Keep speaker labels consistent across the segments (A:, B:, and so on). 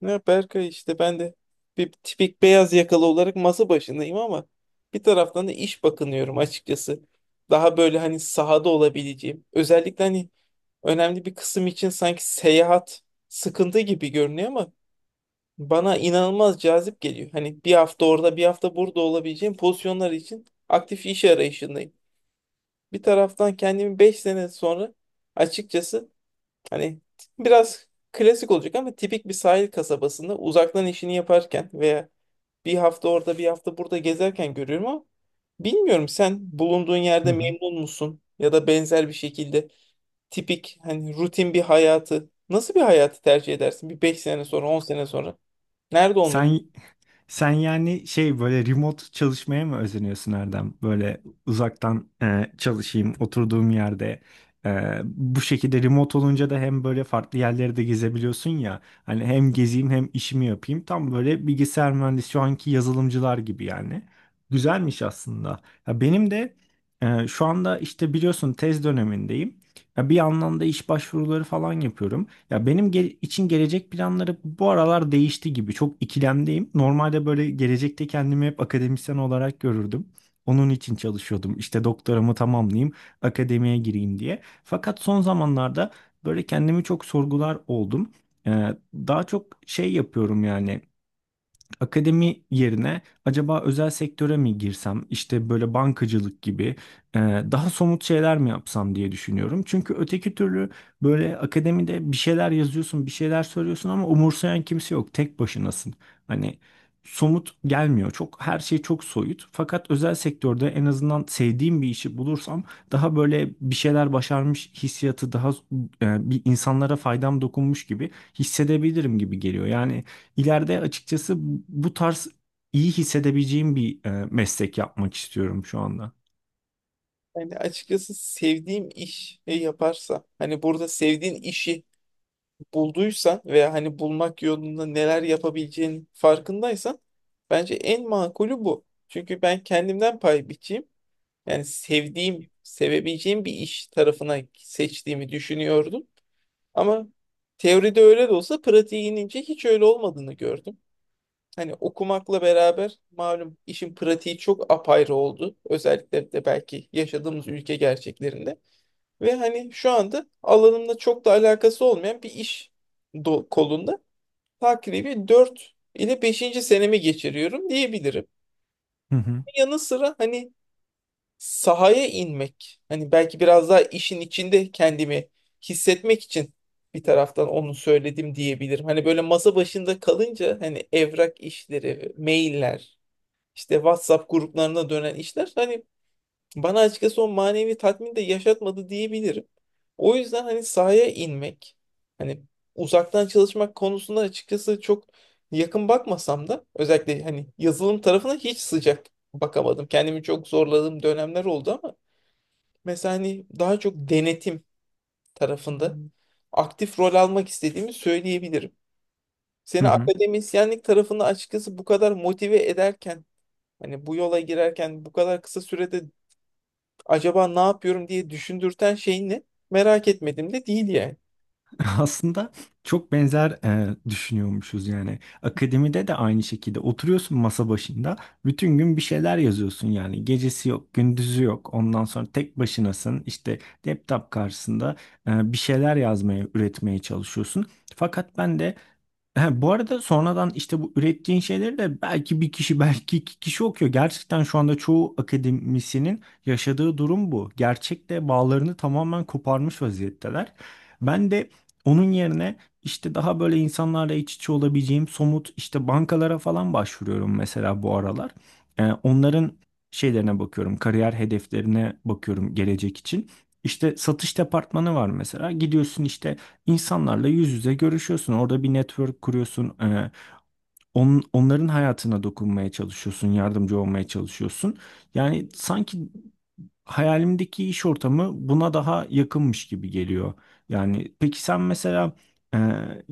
A: Ne Berkay işte ben de bir tipik beyaz yakalı olarak masa başındayım ama bir taraftan da iş bakınıyorum açıkçası. Daha böyle hani sahada olabileceğim. Özellikle hani önemli bir kısım için sanki seyahat sıkıntı gibi görünüyor ama bana inanılmaz cazip geliyor. Hani bir hafta orada bir hafta burada olabileceğim pozisyonlar için aktif iş arayışındayım. Bir taraftan kendimi 5 sene sonra açıkçası hani biraz klasik olacak ama tipik bir sahil kasabasında uzaktan işini yaparken veya bir hafta orada bir hafta burada gezerken görüyorum, ama bilmiyorum, sen bulunduğun
B: Hı
A: yerde
B: hı.
A: memnun musun ya da benzer bir şekilde tipik hani rutin bir hayatı, nasıl bir hayatı tercih edersin bir 5 sene sonra, 10 sene sonra nerede olmak?
B: Sen sen yani şey böyle remote çalışmaya mı özeniyorsun, Erdem? Böyle uzaktan çalışayım oturduğum yerde. Bu şekilde remote olunca da hem böyle farklı yerleri de gezebiliyorsun ya. Hani hem gezeyim hem işimi yapayım. Tam böyle bilgisayar mühendisi şu anki yazılımcılar gibi yani. Güzelmiş aslında. Ya benim de şu anda işte biliyorsun tez dönemindeyim. Ya bir yandan da iş başvuruları falan yapıyorum. Ya için gelecek planları bu aralar değişti gibi. Çok ikilemdeyim. Normalde böyle gelecekte kendimi hep akademisyen olarak görürdüm. Onun için çalışıyordum. İşte doktoramı tamamlayayım, akademiye gireyim diye. Fakat son zamanlarda böyle kendimi çok sorgular oldum. Ee, Daha çok şey yapıyorum yani. Akademi yerine acaba özel sektöre mi girsem, işte böyle bankacılık gibi e, daha somut şeyler mi yapsam diye düşünüyorum. Çünkü öteki türlü böyle akademide bir şeyler yazıyorsun, bir şeyler söylüyorsun ama umursayan kimse yok, tek başınasın. Hani somut gelmiyor, çok her şey çok soyut. Fakat özel sektörde en azından sevdiğim bir işi bulursam daha böyle bir şeyler başarmış hissiyatı, daha bir insanlara faydam dokunmuş gibi hissedebilirim gibi geliyor. Yani ileride açıkçası bu tarz iyi hissedebileceğim bir meslek yapmak istiyorum şu anda.
A: Yani açıkçası sevdiğim iş yaparsa hani burada sevdiğin işi bulduysan veya hani bulmak yolunda neler yapabileceğinin farkındaysan bence en makulü bu. Çünkü ben kendimden pay biçeyim. Yani sevdiğim, sevebileceğim bir iş tarafına seçtiğimi düşünüyordum. Ama teoride öyle de olsa pratiğe inince hiç öyle olmadığını gördüm. Hani okumakla beraber malum işin pratiği çok apayrı oldu. Özellikle de belki yaşadığımız ülke gerçeklerinde. Ve hani şu anda alanımla çok da alakası olmayan bir iş kolunda takribi 4 ile beşinci senemi geçiriyorum diyebilirim.
B: Hı hı.
A: Yanı sıra hani sahaya inmek, hani belki biraz daha işin içinde kendimi hissetmek için bir taraftan onu söyledim diyebilirim. Hani böyle masa başında kalınca hani evrak işleri, mailler, işte WhatsApp gruplarına dönen işler hani bana açıkçası o manevi tatmin de yaşatmadı diyebilirim. O yüzden hani sahaya inmek, hani uzaktan çalışmak konusunda açıkçası çok yakın bakmasam da özellikle hani yazılım tarafına hiç sıcak bakamadım. Kendimi çok zorladığım dönemler oldu ama mesela hani daha çok denetim tarafında aktif rol almak istediğimi söyleyebilirim.
B: Hı
A: Seni
B: hı.
A: akademisyenlik tarafında açıkçası bu kadar motive ederken hani bu yola girerken bu kadar kısa sürede acaba ne yapıyorum diye düşündürten şey ne? Merak etmedim de değil yani.
B: Aslında çok benzer düşünüyormuşuz yani. Akademide de aynı şekilde oturuyorsun masa başında, bütün gün bir şeyler yazıyorsun yani. Gecesi yok, gündüzü yok. Ondan sonra tek başınasın. İşte laptop karşısında bir şeyler yazmaya, üretmeye çalışıyorsun. Fakat ben de. Ha, bu arada sonradan işte bu ürettiğin şeyleri de belki bir kişi belki iki kişi okuyor. Gerçekten şu anda çoğu akademisyenin yaşadığı durum bu. Gerçekte bağlarını tamamen koparmış vaziyetteler. Ben de onun yerine işte daha böyle insanlarla iç içe olabileceğim somut, işte bankalara falan başvuruyorum mesela bu aralar. Onların şeylerine bakıyorum, kariyer hedeflerine bakıyorum gelecek için. İşte satış departmanı var mesela. Gidiyorsun işte, İnsanlarla yüz yüze görüşüyorsun. Orada bir network kuruyorsun. Onların hayatına dokunmaya çalışıyorsun. Yardımcı olmaya çalışıyorsun. Yani sanki hayalimdeki iş ortamı buna daha yakınmış gibi geliyor. Yani peki sen mesela e,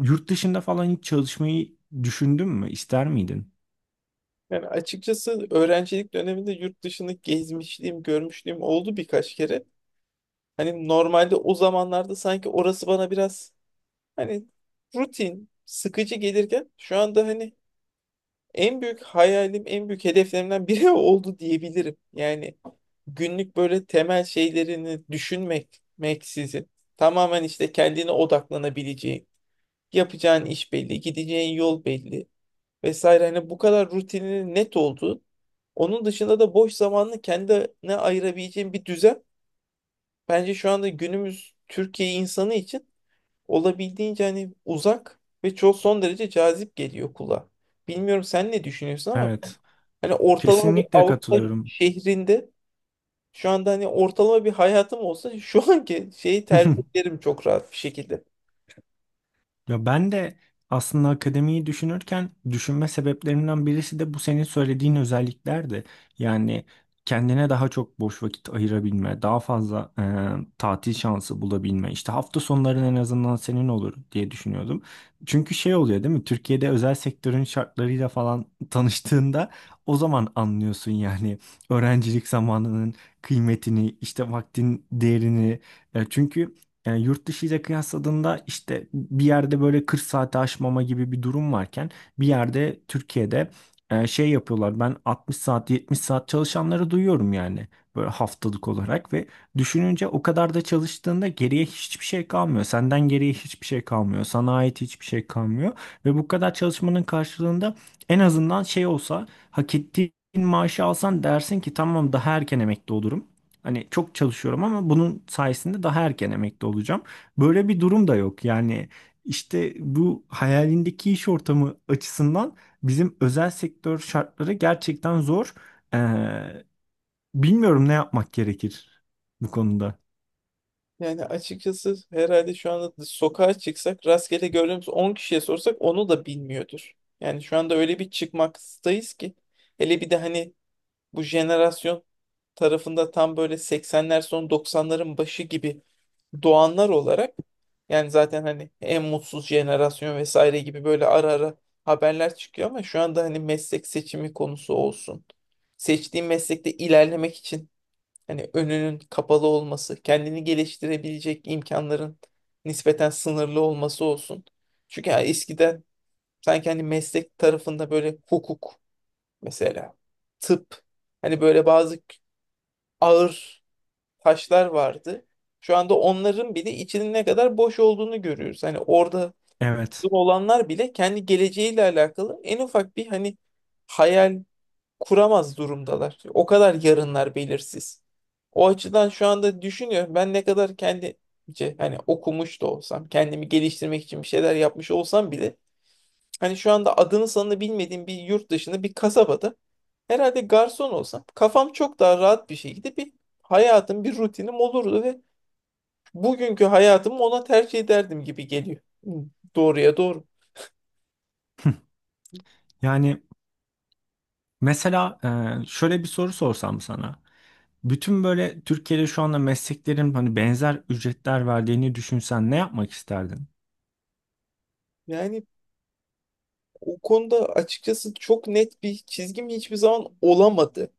B: yurt dışında falan hiç çalışmayı düşündün mü? İster miydin?
A: Yani açıkçası öğrencilik döneminde yurt dışını gezmişliğim, görmüşlüğüm oldu birkaç kere. Hani normalde o zamanlarda sanki orası bana biraz hani rutin, sıkıcı gelirken şu anda hani en büyük hayalim, en büyük hedeflerimden biri oldu diyebilirim. Yani günlük böyle temel şeylerini düşünmek, meksizin tamamen işte kendine odaklanabileceğin, yapacağın iş belli, gideceğin yol belli vesaire. Hani bu kadar rutinin net olduğu, onun dışında da boş zamanını kendine ayırabileceğin bir düzen bence şu anda günümüz Türkiye insanı için olabildiğince hani uzak ve çok son derece cazip geliyor kulağa. Bilmiyorum sen ne düşünüyorsun ama ben
B: Evet.
A: hani ortalama bir
B: Kesinlikle
A: Avrupa
B: katılıyorum.
A: şehrinde şu anda hani ortalama bir hayatım olsa şu anki şeyi tercih ederim çok rahat bir şekilde.
B: Ya ben de aslında akademiyi düşünürken düşünme sebeplerimden birisi de bu senin söylediğin özelliklerdi. Yani kendine daha çok boş vakit ayırabilme, daha fazla tatil şansı bulabilme, işte hafta sonların en azından senin olur diye düşünüyordum. Çünkü şey oluyor değil mi? Türkiye'de özel sektörün şartlarıyla falan tanıştığında o zaman anlıyorsun yani öğrencilik zamanının kıymetini, işte vaktin değerini. Çünkü yani yurt dışı ile kıyasladığında işte bir yerde böyle 40 saati aşmama gibi bir durum varken, bir yerde Türkiye'de şey yapıyorlar. Ben 60 saat 70 saat çalışanları duyuyorum yani, böyle haftalık olarak. Ve düşününce, o kadar da çalıştığında geriye hiçbir şey kalmıyor. Senden geriye hiçbir şey kalmıyor. Sana ait hiçbir şey kalmıyor ve bu kadar çalışmanın karşılığında en azından şey olsa, hak ettiğin maaşı alsan dersin ki tamam, daha erken emekli olurum. Hani çok çalışıyorum ama bunun sayesinde daha erken emekli olacağım. Böyle bir durum da yok. Yani işte bu hayalindeki iş ortamı açısından bizim özel sektör şartları gerçekten zor. Ee, Bilmiyorum ne yapmak gerekir bu konuda.
A: Yani açıkçası herhalde şu anda sokağa çıksak rastgele gördüğümüz 10 kişiye sorsak onu da bilmiyordur. Yani şu anda öyle bir çıkmaktayız ki. Hele bir de hani bu jenerasyon tarafında tam böyle 80'ler, son 90'ların başı gibi doğanlar olarak yani zaten hani en mutsuz jenerasyon vesaire gibi böyle ara ara haberler çıkıyor ama şu anda hani meslek seçimi konusu olsun. Seçtiğim meslekte ilerlemek için hani önünün kapalı olması, kendini geliştirebilecek imkanların nispeten sınırlı olması olsun. Çünkü ya eskiden sanki hani meslek tarafında böyle hukuk mesela, tıp, hani böyle bazı ağır taşlar vardı. Şu anda onların bile içinin ne kadar boş olduğunu görüyoruz. Hani orada
B: Evet.
A: olanlar bile kendi geleceğiyle alakalı en ufak bir hani hayal kuramaz durumdalar. O kadar yarınlar belirsiz. O açıdan şu anda düşünüyorum, ben ne kadar kendi hani okumuş da olsam, kendimi geliştirmek için bir şeyler yapmış olsam bile hani şu anda adını sanını bilmediğim bir yurt dışında bir kasabada herhalde garson olsam kafam çok daha rahat bir şekilde bir hayatım, bir rutinim olurdu ve bugünkü hayatımı ona tercih ederdim gibi geliyor. Hı, doğruya doğru.
B: Yani mesela şöyle bir soru sorsam sana. Bütün böyle Türkiye'de şu anda mesleklerin hani benzer ücretler verdiğini düşünsen ne yapmak isterdin?
A: Yani o konuda açıkçası çok net bir çizgim hiçbir zaman olamadı.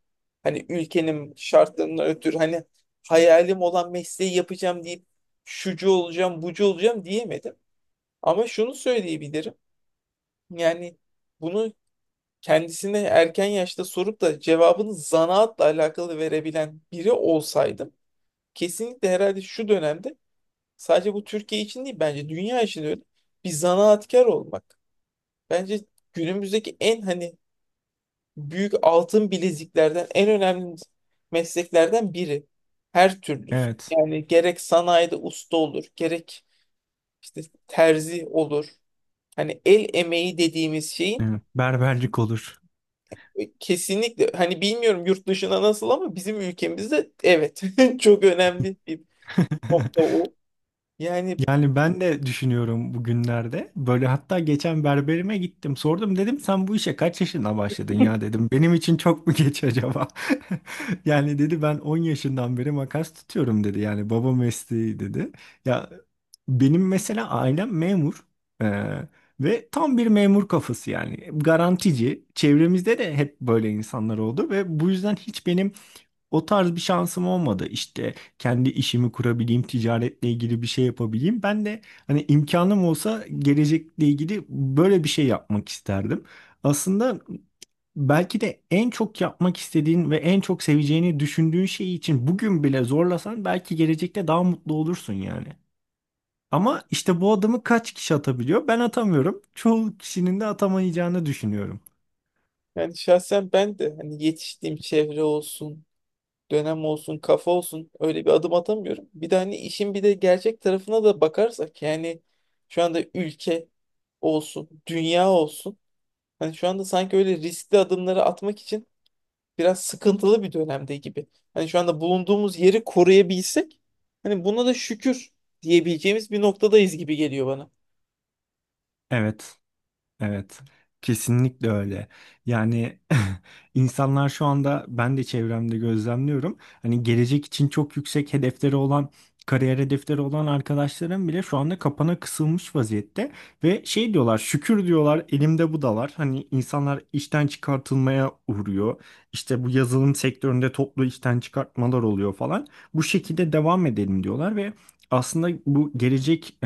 A: Hani ülkenin şartlarından ötürü hani hayalim olan mesleği yapacağım deyip şucu olacağım, bucu olacağım diyemedim. Ama şunu söyleyebilirim. Yani bunu kendisine erken yaşta sorup da cevabını zanaatla alakalı verebilen biri olsaydım kesinlikle herhalde şu dönemde, sadece bu Türkiye için değil bence dünya için de öyle, bir zanaatkar olmak. Bence günümüzdeki en hani büyük altın bileziklerden, en önemli mesleklerden biri. Her türlüsü.
B: Evet.
A: Yani gerek sanayide usta olur, gerek işte terzi olur. Hani el emeği dediğimiz şeyin
B: Evet. Berberlik olur.
A: kesinlikle hani bilmiyorum yurt dışına nasıl ama bizim ülkemizde evet çok önemli bir nokta o. Yani
B: Yani ben de düşünüyorum bugünlerde. Böyle hatta geçen berberime gittim. Sordum, dedim sen bu işe kaç yaşında başladın ya dedim. Benim için çok mu geç acaba? Yani dedi ben 10 yaşından beri makas tutuyorum dedi. Yani baba mesleği dedi. Ya benim mesela ailem memur. Ee, Ve tam bir memur kafası yani. Garantici. Çevremizde de hep böyle insanlar oldu ve bu yüzden hiç benim o tarz bir şansım olmadı. İşte kendi işimi kurabileyim, ticaretle ilgili bir şey yapabileyim. Ben de hani imkanım olsa gelecekle ilgili böyle bir şey yapmak isterdim. Aslında belki de en çok yapmak istediğin ve en çok seveceğini düşündüğün şey için bugün bile zorlasan belki gelecekte daha mutlu olursun yani. Ama işte bu adımı kaç kişi atabiliyor? Ben atamıyorum. Çoğu kişinin de atamayacağını düşünüyorum.
A: yani şahsen ben de hani yetiştiğim çevre olsun, dönem olsun, kafa olsun öyle bir adım atamıyorum. Bir de hani işin bir de gerçek tarafına da bakarsak yani şu anda ülke olsun, dünya olsun. Hani şu anda sanki öyle riskli adımları atmak için biraz sıkıntılı bir dönemde gibi. Hani şu anda bulunduğumuz yeri koruyabilsek hani buna da şükür diyebileceğimiz bir noktadayız gibi geliyor bana.
B: Evet. Evet, kesinlikle öyle. Yani insanlar şu anda, ben de çevremde gözlemliyorum. Hani gelecek için çok yüksek hedefleri olan, kariyer hedefleri olan arkadaşlarım bile şu anda kapana kısılmış vaziyette ve şey diyorlar, şükür diyorlar, elimde bu da var. Hani insanlar işten çıkartılmaya uğruyor. İşte bu yazılım sektöründe toplu işten çıkartmalar oluyor falan. Bu şekilde devam edelim diyorlar ve aslında bu gelecek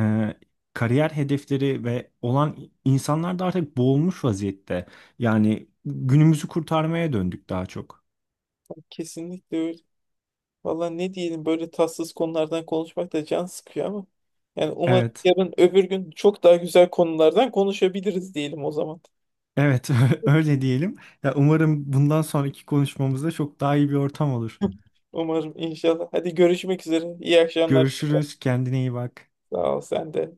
B: kariyer hedefleri ve olan insanlar da artık boğulmuş vaziyette. Yani günümüzü kurtarmaya döndük daha çok.
A: Kesinlikle öyle. Valla ne diyelim, böyle tatsız konulardan konuşmak da can sıkıyor ama yani umarım
B: Evet.
A: yarın öbür gün çok daha güzel konulardan konuşabiliriz, diyelim o zaman.
B: Evet, öyle diyelim. Ya umarım bundan sonraki konuşmamızda çok daha iyi bir ortam olur.
A: Umarım, inşallah. Hadi görüşmek üzere. İyi akşamlar.
B: Görüşürüz, kendine iyi bak.
A: Sağ ol, sen de.